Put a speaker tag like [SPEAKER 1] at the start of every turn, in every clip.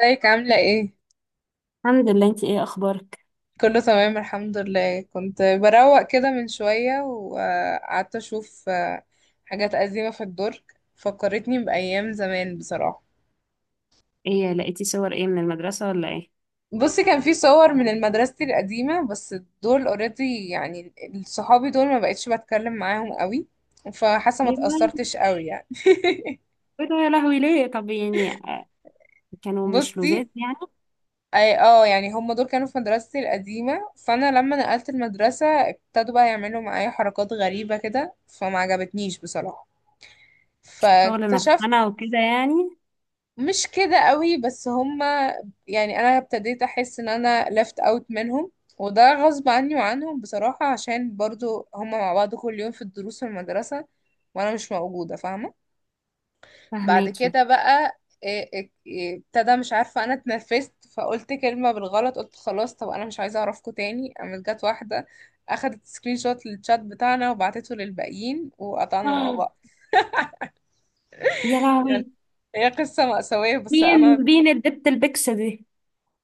[SPEAKER 1] ازيك عاملة ايه؟
[SPEAKER 2] الحمد لله، انتي ايه اخبارك؟
[SPEAKER 1] كله تمام الحمد لله. كنت بروق كده من شوية وقعدت اشوف حاجات قديمة في الدرج. فكرتني بأيام زمان بصراحة.
[SPEAKER 2] ايه لقيتي صور ايه من المدرسة ولا ايه؟
[SPEAKER 1] بصي، كان في صور من مدرستي القديمة، بس دول اوريدي يعني. صحابي دول ما بقتش بتكلم معاهم قوي، فحاسة ما
[SPEAKER 2] ايه ده؟
[SPEAKER 1] اتأثرتش قوي يعني.
[SPEAKER 2] ايه ده يا لهوي؟ ليه طب يعني، كانوا مش
[SPEAKER 1] بصي،
[SPEAKER 2] لوزات يعني؟
[SPEAKER 1] اي يعني هم دول كانوا في مدرستي القديمة، فانا لما نقلت المدرسة ابتدوا بقى يعملوا معايا حركات غريبة كده فما عجبتنيش بصراحة.
[SPEAKER 2] شغل
[SPEAKER 1] فاكتشفت
[SPEAKER 2] نفسنا وكده يعني.
[SPEAKER 1] مش كده قوي، بس هما يعني انا ابتديت احس ان انا left out منهم، وده غصب عني وعنهم بصراحة عشان برضو هما مع بعض كل يوم في الدروس في المدرسة وانا مش موجودة، فاهمة؟ بعد
[SPEAKER 2] فهماكي.
[SPEAKER 1] كده بقى إيه- إيه- إيه، ابتدى، مش عارفة، انا اتنفست فقلت كلمة بالغلط، قلت خلاص طب انا مش عايزة اعرفكوا تاني. قامت جت واحدة اخدت سكرين شوت للشات بتاعنا وبعتته للباقيين وقطعنا مع
[SPEAKER 2] آه،
[SPEAKER 1] بعض.
[SPEAKER 2] يا
[SPEAKER 1] يعني
[SPEAKER 2] لهوي.
[SPEAKER 1] هي قصة مأساوية بس أنا.
[SPEAKER 2] مين؟ مين الدبت البكس دي؟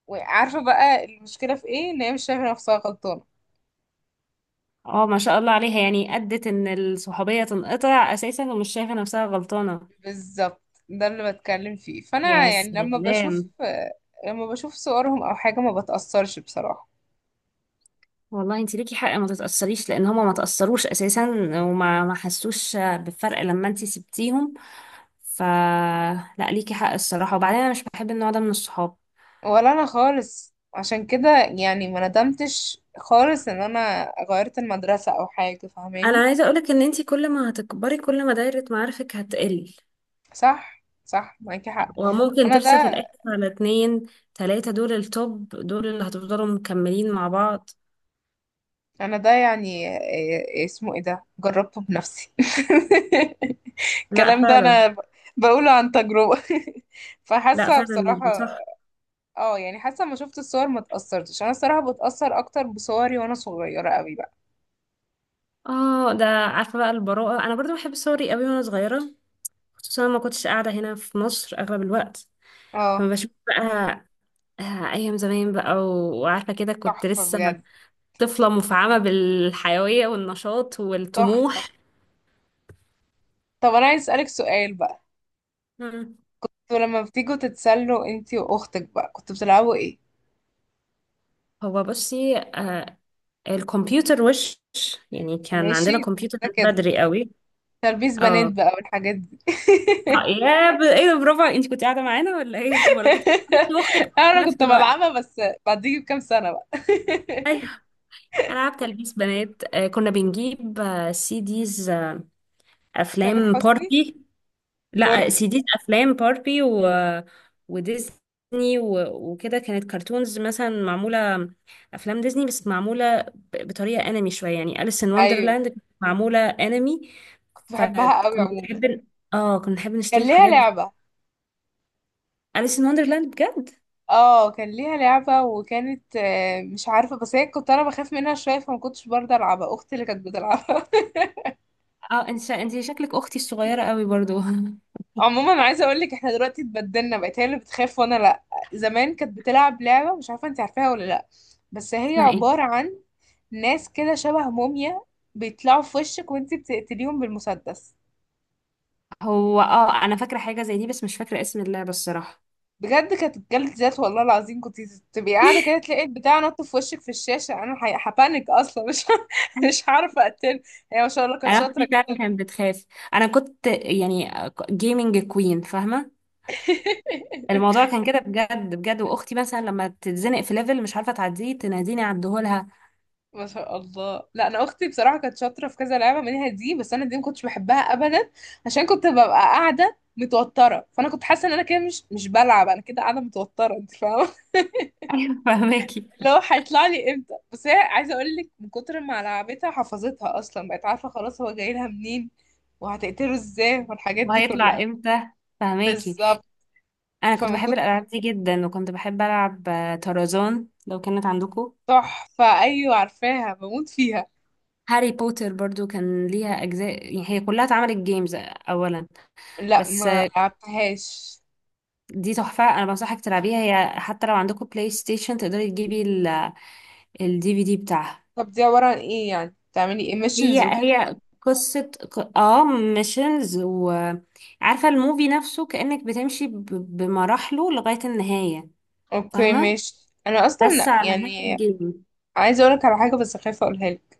[SPEAKER 1] وعارفة بقى المشكلة في ايه؟ ان هي مش شايفة نفسها غلطانة.
[SPEAKER 2] اه ما شاء الله عليها، يعني ادت ان الصحوبية تنقطع اساسا ومش شايفة نفسها غلطانة.
[SPEAKER 1] بالظبط، ده اللي بتكلم فيه. فانا
[SPEAKER 2] يا
[SPEAKER 1] يعني لما بشوف
[SPEAKER 2] سلام.
[SPEAKER 1] لما بشوف صورهم او حاجة ما بتأثرش بصراحة.
[SPEAKER 2] والله انت ليكي حق، ما تتأثريش لان هما ما تأثروش اساسا وما ما حسوش بالفرق لما انت سبتيهم. ف لا ليكي حق الصراحة، وبعدين انا مش بحب النوع ده من الصحاب.
[SPEAKER 1] ولا انا خالص، عشان كده يعني ما ندمتش خالص ان انا غيرت المدرسة او حاجة،
[SPEAKER 2] انا
[SPEAKER 1] فاهماني؟
[SPEAKER 2] عايزه اقولك ان انتي كل ما هتكبري كل ما دايره معارفك هتقل،
[SPEAKER 1] صح صح، معاكي حق.
[SPEAKER 2] وممكن
[SPEAKER 1] انا ده
[SPEAKER 2] ترسى في الاخر على اتنين تلاته، دول التوب دول اللي هتفضلوا مكملين مع بعض.
[SPEAKER 1] انا ده يعني اسمه ايه؟ ده جربته بنفسي.
[SPEAKER 2] لا
[SPEAKER 1] الكلام ده
[SPEAKER 2] فعلا.
[SPEAKER 1] انا بقوله عن تجربة.
[SPEAKER 2] لا
[SPEAKER 1] فحاسة
[SPEAKER 2] فعلا مش
[SPEAKER 1] بصراحة.
[SPEAKER 2] صح.
[SPEAKER 1] اه يعني حاسه، ما شفت الصور ما اتأثرتش. انا الصراحه بتأثر اكتر بصوري وانا صغيره قوي بقى.
[SPEAKER 2] اه، ده عارفه بقى البراءه، انا برضو بحب صوري قوي وانا صغيره. خصوصا ما كنتش قاعده هنا في مصر اغلب الوقت، فما
[SPEAKER 1] اه
[SPEAKER 2] بشوف بقى آه، ايام زمان بقى وعارفه كده كنت
[SPEAKER 1] تحفه
[SPEAKER 2] لسه
[SPEAKER 1] بجد.
[SPEAKER 2] طفلة مفعمة بالحيوية والنشاط
[SPEAKER 1] تحفه.
[SPEAKER 2] والطموح.
[SPEAKER 1] طب انا عايز اسالك سؤال بقى.
[SPEAKER 2] مم.
[SPEAKER 1] انتوا لما بتيجوا تتسلوا انتي واختك بقى كنتوا بتلعبوا ايه؟
[SPEAKER 2] هو بصي، الكمبيوتر وش، يعني كان عندنا
[SPEAKER 1] ماشي.
[SPEAKER 2] كمبيوتر
[SPEAKER 1] كده
[SPEAKER 2] من
[SPEAKER 1] كده.
[SPEAKER 2] بدري قوي.
[SPEAKER 1] تلبيس بنات
[SPEAKER 2] اه.
[SPEAKER 1] بقى والحاجات دي.
[SPEAKER 2] طيب يا ايه ده، برافو، انت كنت قاعدة معانا ولا ايه، ولا كنت قاعدة واختك في
[SPEAKER 1] انا
[SPEAKER 2] نفس
[SPEAKER 1] كنت
[SPEAKER 2] الوقت؟
[SPEAKER 1] بلعبها بس بعديه بكام سنه بقى.
[SPEAKER 2] ايوه. العاب تلبيس بنات، كنا بنجيب سي ديز،
[SPEAKER 1] تامر
[SPEAKER 2] افلام
[SPEAKER 1] حسني.
[SPEAKER 2] باربي. لا
[SPEAKER 1] باربي.
[SPEAKER 2] سيديز افلام باربي و... وديزني و... وكده كانت كرتونز مثلا معموله افلام ديزني، بس معموله بطريقه انمي شويه، يعني اليس ان
[SPEAKER 1] ايوه
[SPEAKER 2] وندرلاند كانت معموله انمي.
[SPEAKER 1] كنت بحبها قوي
[SPEAKER 2] فكنت
[SPEAKER 1] عموما.
[SPEAKER 2] نحب، اه كنا نحب
[SPEAKER 1] كان
[SPEAKER 2] نشتري
[SPEAKER 1] ليها
[SPEAKER 2] الحاجات دي.
[SPEAKER 1] لعبه.
[SPEAKER 2] اليس ان وندرلاند بجد.
[SPEAKER 1] اه كان ليها لعبة، وكانت مش عارفة، بس هي كنت انا بخاف منها شوية فما كنتش برضه العبها، اختي اللي كانت بتلعبها.
[SPEAKER 2] اه، انت انت شكلك اختي الصغيره قوي برضو.
[SPEAKER 1] عموما انا عايزة اقولك، احنا دلوقتي اتبدلنا، بقت هي اللي بتخاف وانا لا. زمان كانت بتلعب لعبة، مش عارفة انت عارفاها ولا لا، بس هي
[SPEAKER 2] اسمها ايه؟
[SPEAKER 1] عبارة عن ناس كده شبه موميا بيطلعوا في وشك وانت بتقتليهم بالمسدس.
[SPEAKER 2] هو اه، انا فاكره حاجه زي دي بس مش فاكره اسم اللعبه الصراحه.
[SPEAKER 1] بجد كانت جلد ذات، والله العظيم. كنت تبقي قاعدة كده تلاقي البتاع نط في وشك في الشاشة. انا هبانك اصلا مش مش عارفة اقتله. هي ما شاء الله كانت
[SPEAKER 2] انا
[SPEAKER 1] شاطرة.
[SPEAKER 2] اختي فعلا كانت بتخاف، انا كنت يعني جيمنج كوين، فاهمه؟ الموضوع كان كده بجد بجد. واختي مثلا لما تتزنق في ليفل مش عارفه تعديه تناديني عدهولها.
[SPEAKER 1] ما شاء الله. لا انا اختي بصراحه كانت شاطره في كذا لعبه منها دي، بس انا دي ما كنتش بحبها ابدا، عشان كنت ببقى قاعده متوتره. فانا كنت حاسه ان انا كده مش بلعب، انا كده قاعده متوتره، انت فاهمه؟
[SPEAKER 2] ايوه فهماكي.
[SPEAKER 1] اللي هو هيطلع لي امتى. بس هي عايزه اقول لك، من كتر ما لعبتها حفظتها اصلا، بقت عارفه خلاص هو جاي لها منين وهتقتله ازاي والحاجات دي
[SPEAKER 2] وهيطلع
[SPEAKER 1] كلها.
[SPEAKER 2] امتى، فهماكي.
[SPEAKER 1] بالظبط.
[SPEAKER 2] انا كنت
[SPEAKER 1] فمن
[SPEAKER 2] بحب
[SPEAKER 1] كتر.
[SPEAKER 2] الالعاب دي جدا، وكنت بحب العب طرزان لو كانت عندكم.
[SPEAKER 1] تحفه، ايوه عارفاها، بموت فيها.
[SPEAKER 2] هاري بوتر برضو كان ليها اجزاء، يعني هي كلها اتعملت جيمز اولا.
[SPEAKER 1] لا
[SPEAKER 2] بس
[SPEAKER 1] ما لعبتهاش.
[SPEAKER 2] دي تحفه، انا بنصحك تلعبيها، هي حتى لو عندكم بلاي ستيشن تقدري تجيبي الدي في دي بتاعها.
[SPEAKER 1] طب دي عبارة عن ايه؟ يعني بتعملي
[SPEAKER 2] هي
[SPEAKER 1] emissions وكده.
[SPEAKER 2] هي قصة اه ميشنز، وعارفة الموفي نفسه كأنك بتمشي بمراحله لغاية النهاية.
[SPEAKER 1] اوكي
[SPEAKER 2] فاهمة.
[SPEAKER 1] ماشي. انا
[SPEAKER 2] بس
[SPEAKER 1] اصلا
[SPEAKER 2] على نهاية
[SPEAKER 1] يعني
[SPEAKER 2] الجيم.
[SPEAKER 1] عايزه اقولك على حاجه بس خايفه اقولها لك.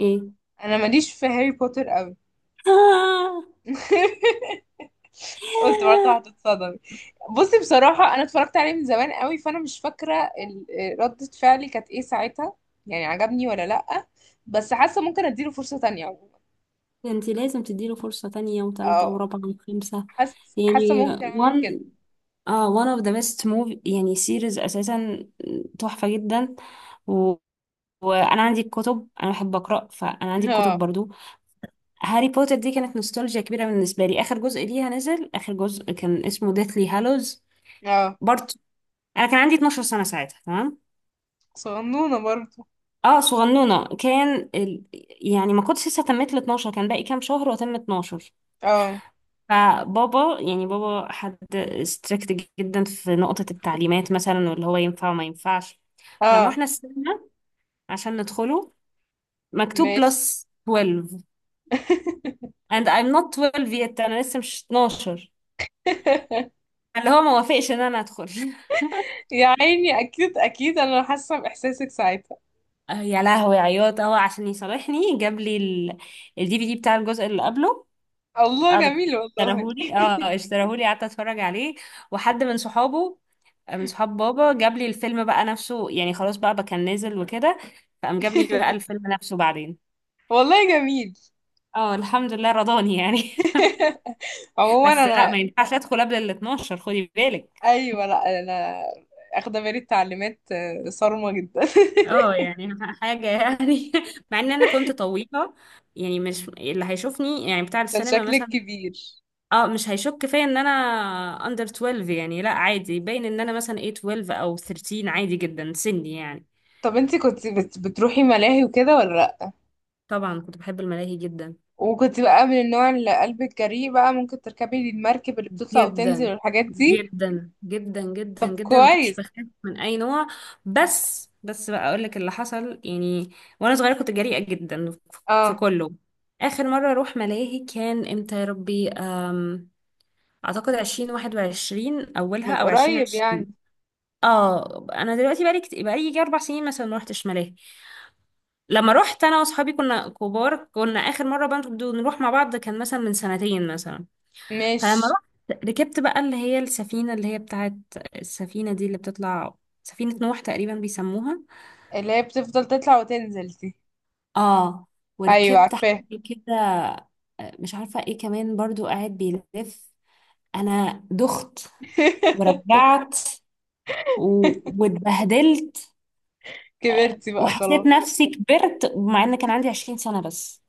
[SPEAKER 2] ايه؟
[SPEAKER 1] انا ماليش في هاري بوتر قوي. قلت برضه هتتصدمي. بصي بصراحه انا اتفرجت عليه من زمان قوي، فانا مش فاكره ردة فعلي كانت ايه ساعتها، يعني عجبني ولا لأ. بس حاسه ممكن اديله فرصه تانية عموما.
[SPEAKER 2] ده انتي لازم تديله فرصة تانية وتالتة
[SPEAKER 1] اه
[SPEAKER 2] ورابعة وخمسة.
[SPEAKER 1] حاسه، حاسه
[SPEAKER 2] يعني
[SPEAKER 1] ممكن اعمل
[SPEAKER 2] one،
[SPEAKER 1] كده.
[SPEAKER 2] اه one of the best movie يعني series اساسا، تحفة جدا. و... وانا عندي الكتب، انا بحب اقرا، فانا عندي الكتب
[SPEAKER 1] اه.
[SPEAKER 2] برضو. هاري بوتر دي كانت نوستالجيا كبيرة بالنسبة لي. آخر جزء ليها نزل، آخر جزء كان اسمه ديثلي هالوز
[SPEAKER 1] اه
[SPEAKER 2] بارت. أنا كان عندي 12 سنة ساعتها، تمام.
[SPEAKER 1] صغنونه برضه.
[SPEAKER 2] اه صغنونة. كان يعني ما كنتش لسه تميت ال 12، كان باقي كام شهر وأتم 12.
[SPEAKER 1] اه.
[SPEAKER 2] فبابا، يعني بابا حد ستريكت جدا في نقطة التعليمات مثلا، واللي هو ينفع وما ينفعش. فلما
[SPEAKER 1] اه
[SPEAKER 2] رحنا السينما عشان ندخله، مكتوب
[SPEAKER 1] ماشي.
[SPEAKER 2] بلس 12، and I'm not 12 yet، أنا لسه مش 12. اللي هو ما وافقش ان انا ادخل.
[SPEAKER 1] يا عيني، اكيد اكيد انا حاسه باحساسك ساعتها.
[SPEAKER 2] يا لهوي، عياط اهو. عشان يصالحني جاب لي الدي في دي بتاع الجزء اللي قبله.
[SPEAKER 1] الله
[SPEAKER 2] قعد
[SPEAKER 1] جميل والله.
[SPEAKER 2] اشتراهولي، اه اشتراهولي، قعدت اتفرج عليه. وحد من صحابه، من صحاب بابا جاب لي الفيلم بقى نفسه، يعني خلاص بقى كان نازل وكده، فقام جاب لي بقى الفيلم نفسه بعدين.
[SPEAKER 1] والله جميل.
[SPEAKER 2] اه الحمد لله رضاني يعني.
[SPEAKER 1] عموما
[SPEAKER 2] بس لا،
[SPEAKER 1] انا.
[SPEAKER 2] ما ينفعش ادخل قبل ال 12، خدي بالك.
[SPEAKER 1] ايوه. لا انا اخده بالي، التعليمات صارمه جدا.
[SPEAKER 2] اه يعني حاجة يعني، مع ان انا كنت طويلة، يعني مش اللي هيشوفني يعني بتاع
[SPEAKER 1] كان
[SPEAKER 2] السينما
[SPEAKER 1] شكلك
[SPEAKER 2] مثلا
[SPEAKER 1] كبير.
[SPEAKER 2] اه مش هيشك فيا ان انا اندر 12 يعني. لا عادي، باين ان انا مثلا ايه، 12 او 13، عادي جدا سني يعني.
[SPEAKER 1] طب انتي كنت بتروحي ملاهي وكده ولا لا؟
[SPEAKER 2] طبعا كنت بحب الملاهي جدا
[SPEAKER 1] وكنت بقى من النوع اللي قلبك جريء بقى ممكن تركبي المركب اللي بتطلع وتنزل
[SPEAKER 2] جدا
[SPEAKER 1] والحاجات دي؟
[SPEAKER 2] جدا جدا جدا
[SPEAKER 1] طب
[SPEAKER 2] جدا، ما كنتش
[SPEAKER 1] كويس.
[SPEAKER 2] بخاف من اي نوع. بس بقى اقول لك اللي حصل يعني، وانا صغيره كنت جريئه جدا في
[SPEAKER 1] اه
[SPEAKER 2] كله. اخر مره اروح ملاهي كان امتى يا ربي؟ اعتقد 2021 اولها
[SPEAKER 1] من
[SPEAKER 2] او
[SPEAKER 1] قريب
[SPEAKER 2] 2020.
[SPEAKER 1] يعني.
[SPEAKER 2] اه انا دلوقتي بقالي بقالي يجي اربع سنين مثلا ما رحتش ملاهي. لما رحت انا واصحابي كنا كبار، كنا اخر مره بقى نروح مع بعض كان مثلا من سنتين مثلا. فلما
[SPEAKER 1] مش
[SPEAKER 2] رحت ركبت بقى اللي هي السفينه، اللي هي بتاعت السفينه دي اللي بتطلع، سفينه نوح تقريبا بيسموها.
[SPEAKER 1] اللي هي بتفضل تطلع وتنزل دي؟
[SPEAKER 2] اه
[SPEAKER 1] ايوه
[SPEAKER 2] وركبت
[SPEAKER 1] عارفاه.
[SPEAKER 2] حد كده مش عارفه ايه، كمان برضو قاعد بيلف، انا دخت ورجعت و... واتبهدلت.
[SPEAKER 1] كبرتي بقى
[SPEAKER 2] وحسيت
[SPEAKER 1] خلاص.
[SPEAKER 2] نفسي كبرت، مع ان كان عندي 20 سنه بس.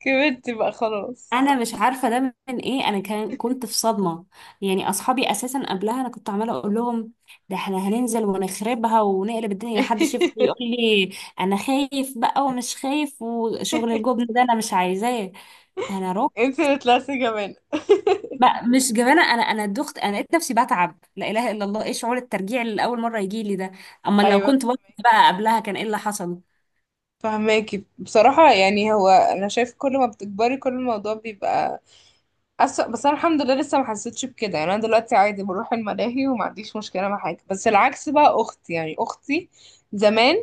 [SPEAKER 1] كبرتي بقى خلاص.
[SPEAKER 2] انا مش عارفه ده من ايه، انا كنت في صدمه. يعني اصحابي اساسا قبلها انا كنت عماله اقول لهم ده احنا هننزل ونخربها ونقلب الدنيا، محدش يفضل يقول لي انا خايف بقى ومش خايف وشغل الجبن ده انا مش عايزاه. انا رحت
[SPEAKER 1] انت اللي طلعتي جبانة.
[SPEAKER 2] بقى، مش جبانه انا دخت، انا لقيت نفسي بتعب، لا اله الا الله، ايه شعور الترجيع اللي اول مره يجي لي ده؟ اما لو
[SPEAKER 1] ايوه
[SPEAKER 2] كنت بطلت بقى قبلها كان ايه اللي حصل.
[SPEAKER 1] فهماكي بصراحة. يعني هو انا شايف كل ما بتكبري كل الموضوع بيبقى أسوأ، بس انا الحمد لله لسه ما حسيتش بكده. يعني انا دلوقتي عادي بروح الملاهي وما عنديش مشكلة مع حاجة، بس العكس بقى اختي، يعني اختي زمان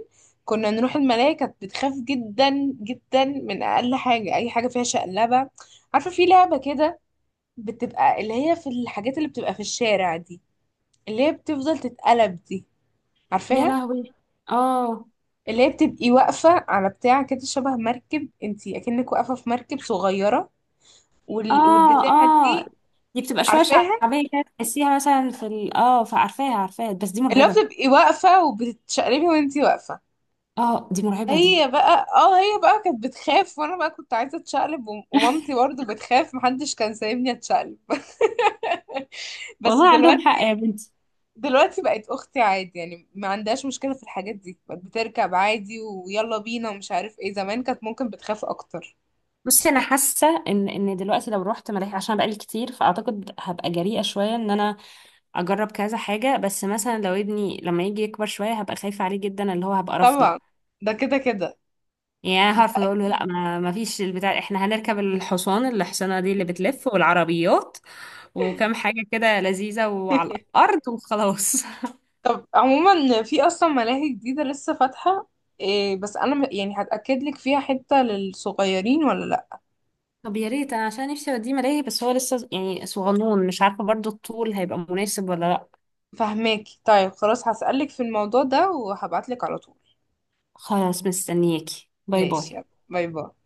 [SPEAKER 1] كنا نروح الملاهي كانت بتخاف جدا جدا من اقل حاجة، اي حاجة فيها شقلبة. عارفة في لعبة كده، بتبقى اللي هي في الحاجات اللي بتبقى في الشارع دي، اللي هي بتفضل تتقلب دي،
[SPEAKER 2] يا
[SPEAKER 1] عارفاها؟
[SPEAKER 2] لهوي. اه.
[SPEAKER 1] اللي هي بتبقي واقفة على بتاع كده شبه مركب، انتي اكنك واقفة في مركب صغيرة،
[SPEAKER 2] اه
[SPEAKER 1] والبتاعة
[SPEAKER 2] اه
[SPEAKER 1] دي.
[SPEAKER 2] دي بتبقى شويه
[SPEAKER 1] عارفاها؟
[SPEAKER 2] شعبيه كده، تحسيها مثلا في اه فعارفاها عارفاها، بس دي
[SPEAKER 1] اللي هو
[SPEAKER 2] مرعبه.
[SPEAKER 1] بتبقي واقفة وبتتشقلبي وانتي واقفة.
[SPEAKER 2] اه دي مرعبه دي.
[SPEAKER 1] هي بقى كانت بتخاف وانا بقى كنت عايزة اتشقلب، ومامتي برضو بتخاف، محدش كان سايبني اتشقلب. بس
[SPEAKER 2] والله عندهم
[SPEAKER 1] دلوقتي،
[SPEAKER 2] حق يا بنتي.
[SPEAKER 1] دلوقتي بقت اختي عادي، يعني ما عندهاش مشكلة في الحاجات دي، بقت بتركب عادي ويلا بينا ومش عارف ايه، زمان كانت ممكن بتخاف اكتر.
[SPEAKER 2] بصي انا حاسه ان دلوقتي لو رحت ملاهي عشان بقالي كتير، فاعتقد هبقى جريئه شويه ان انا اجرب كذا حاجه. بس مثلا لو ابني لما يجي يكبر شويه هبقى خايفه عليه جدا، اللي هو هبقى رافضه.
[SPEAKER 1] طبعا، ده كده كده.
[SPEAKER 2] يعني انا
[SPEAKER 1] ده
[SPEAKER 2] هعرف اقول له
[SPEAKER 1] اكيد.
[SPEAKER 2] لا، ما فيش البتاع، احنا هنركب الحصان، الحصانه دي اللي بتلف، والعربيات وكم حاجه كده لذيذه وعلى الارض وخلاص.
[SPEAKER 1] طب عموما في اصلا ملاهي جديدة لسه فاتحة، إيه بس انا يعني هتأكد لك فيها حتة للصغيرين ولا لا.
[SPEAKER 2] طب يا ريت، انا عشان نفسي اوديه ملاهي، بس هو لسه يعني صغنون مش عارفه برضو الطول هيبقى مناسب ولا لا.
[SPEAKER 1] فهماكي. طيب خلاص هسألك في الموضوع ده وهبعت لك على طول.
[SPEAKER 2] خلاص مستنياكي، باي
[SPEAKER 1] ماشي،
[SPEAKER 2] باي.
[SPEAKER 1] يلا، باي باي.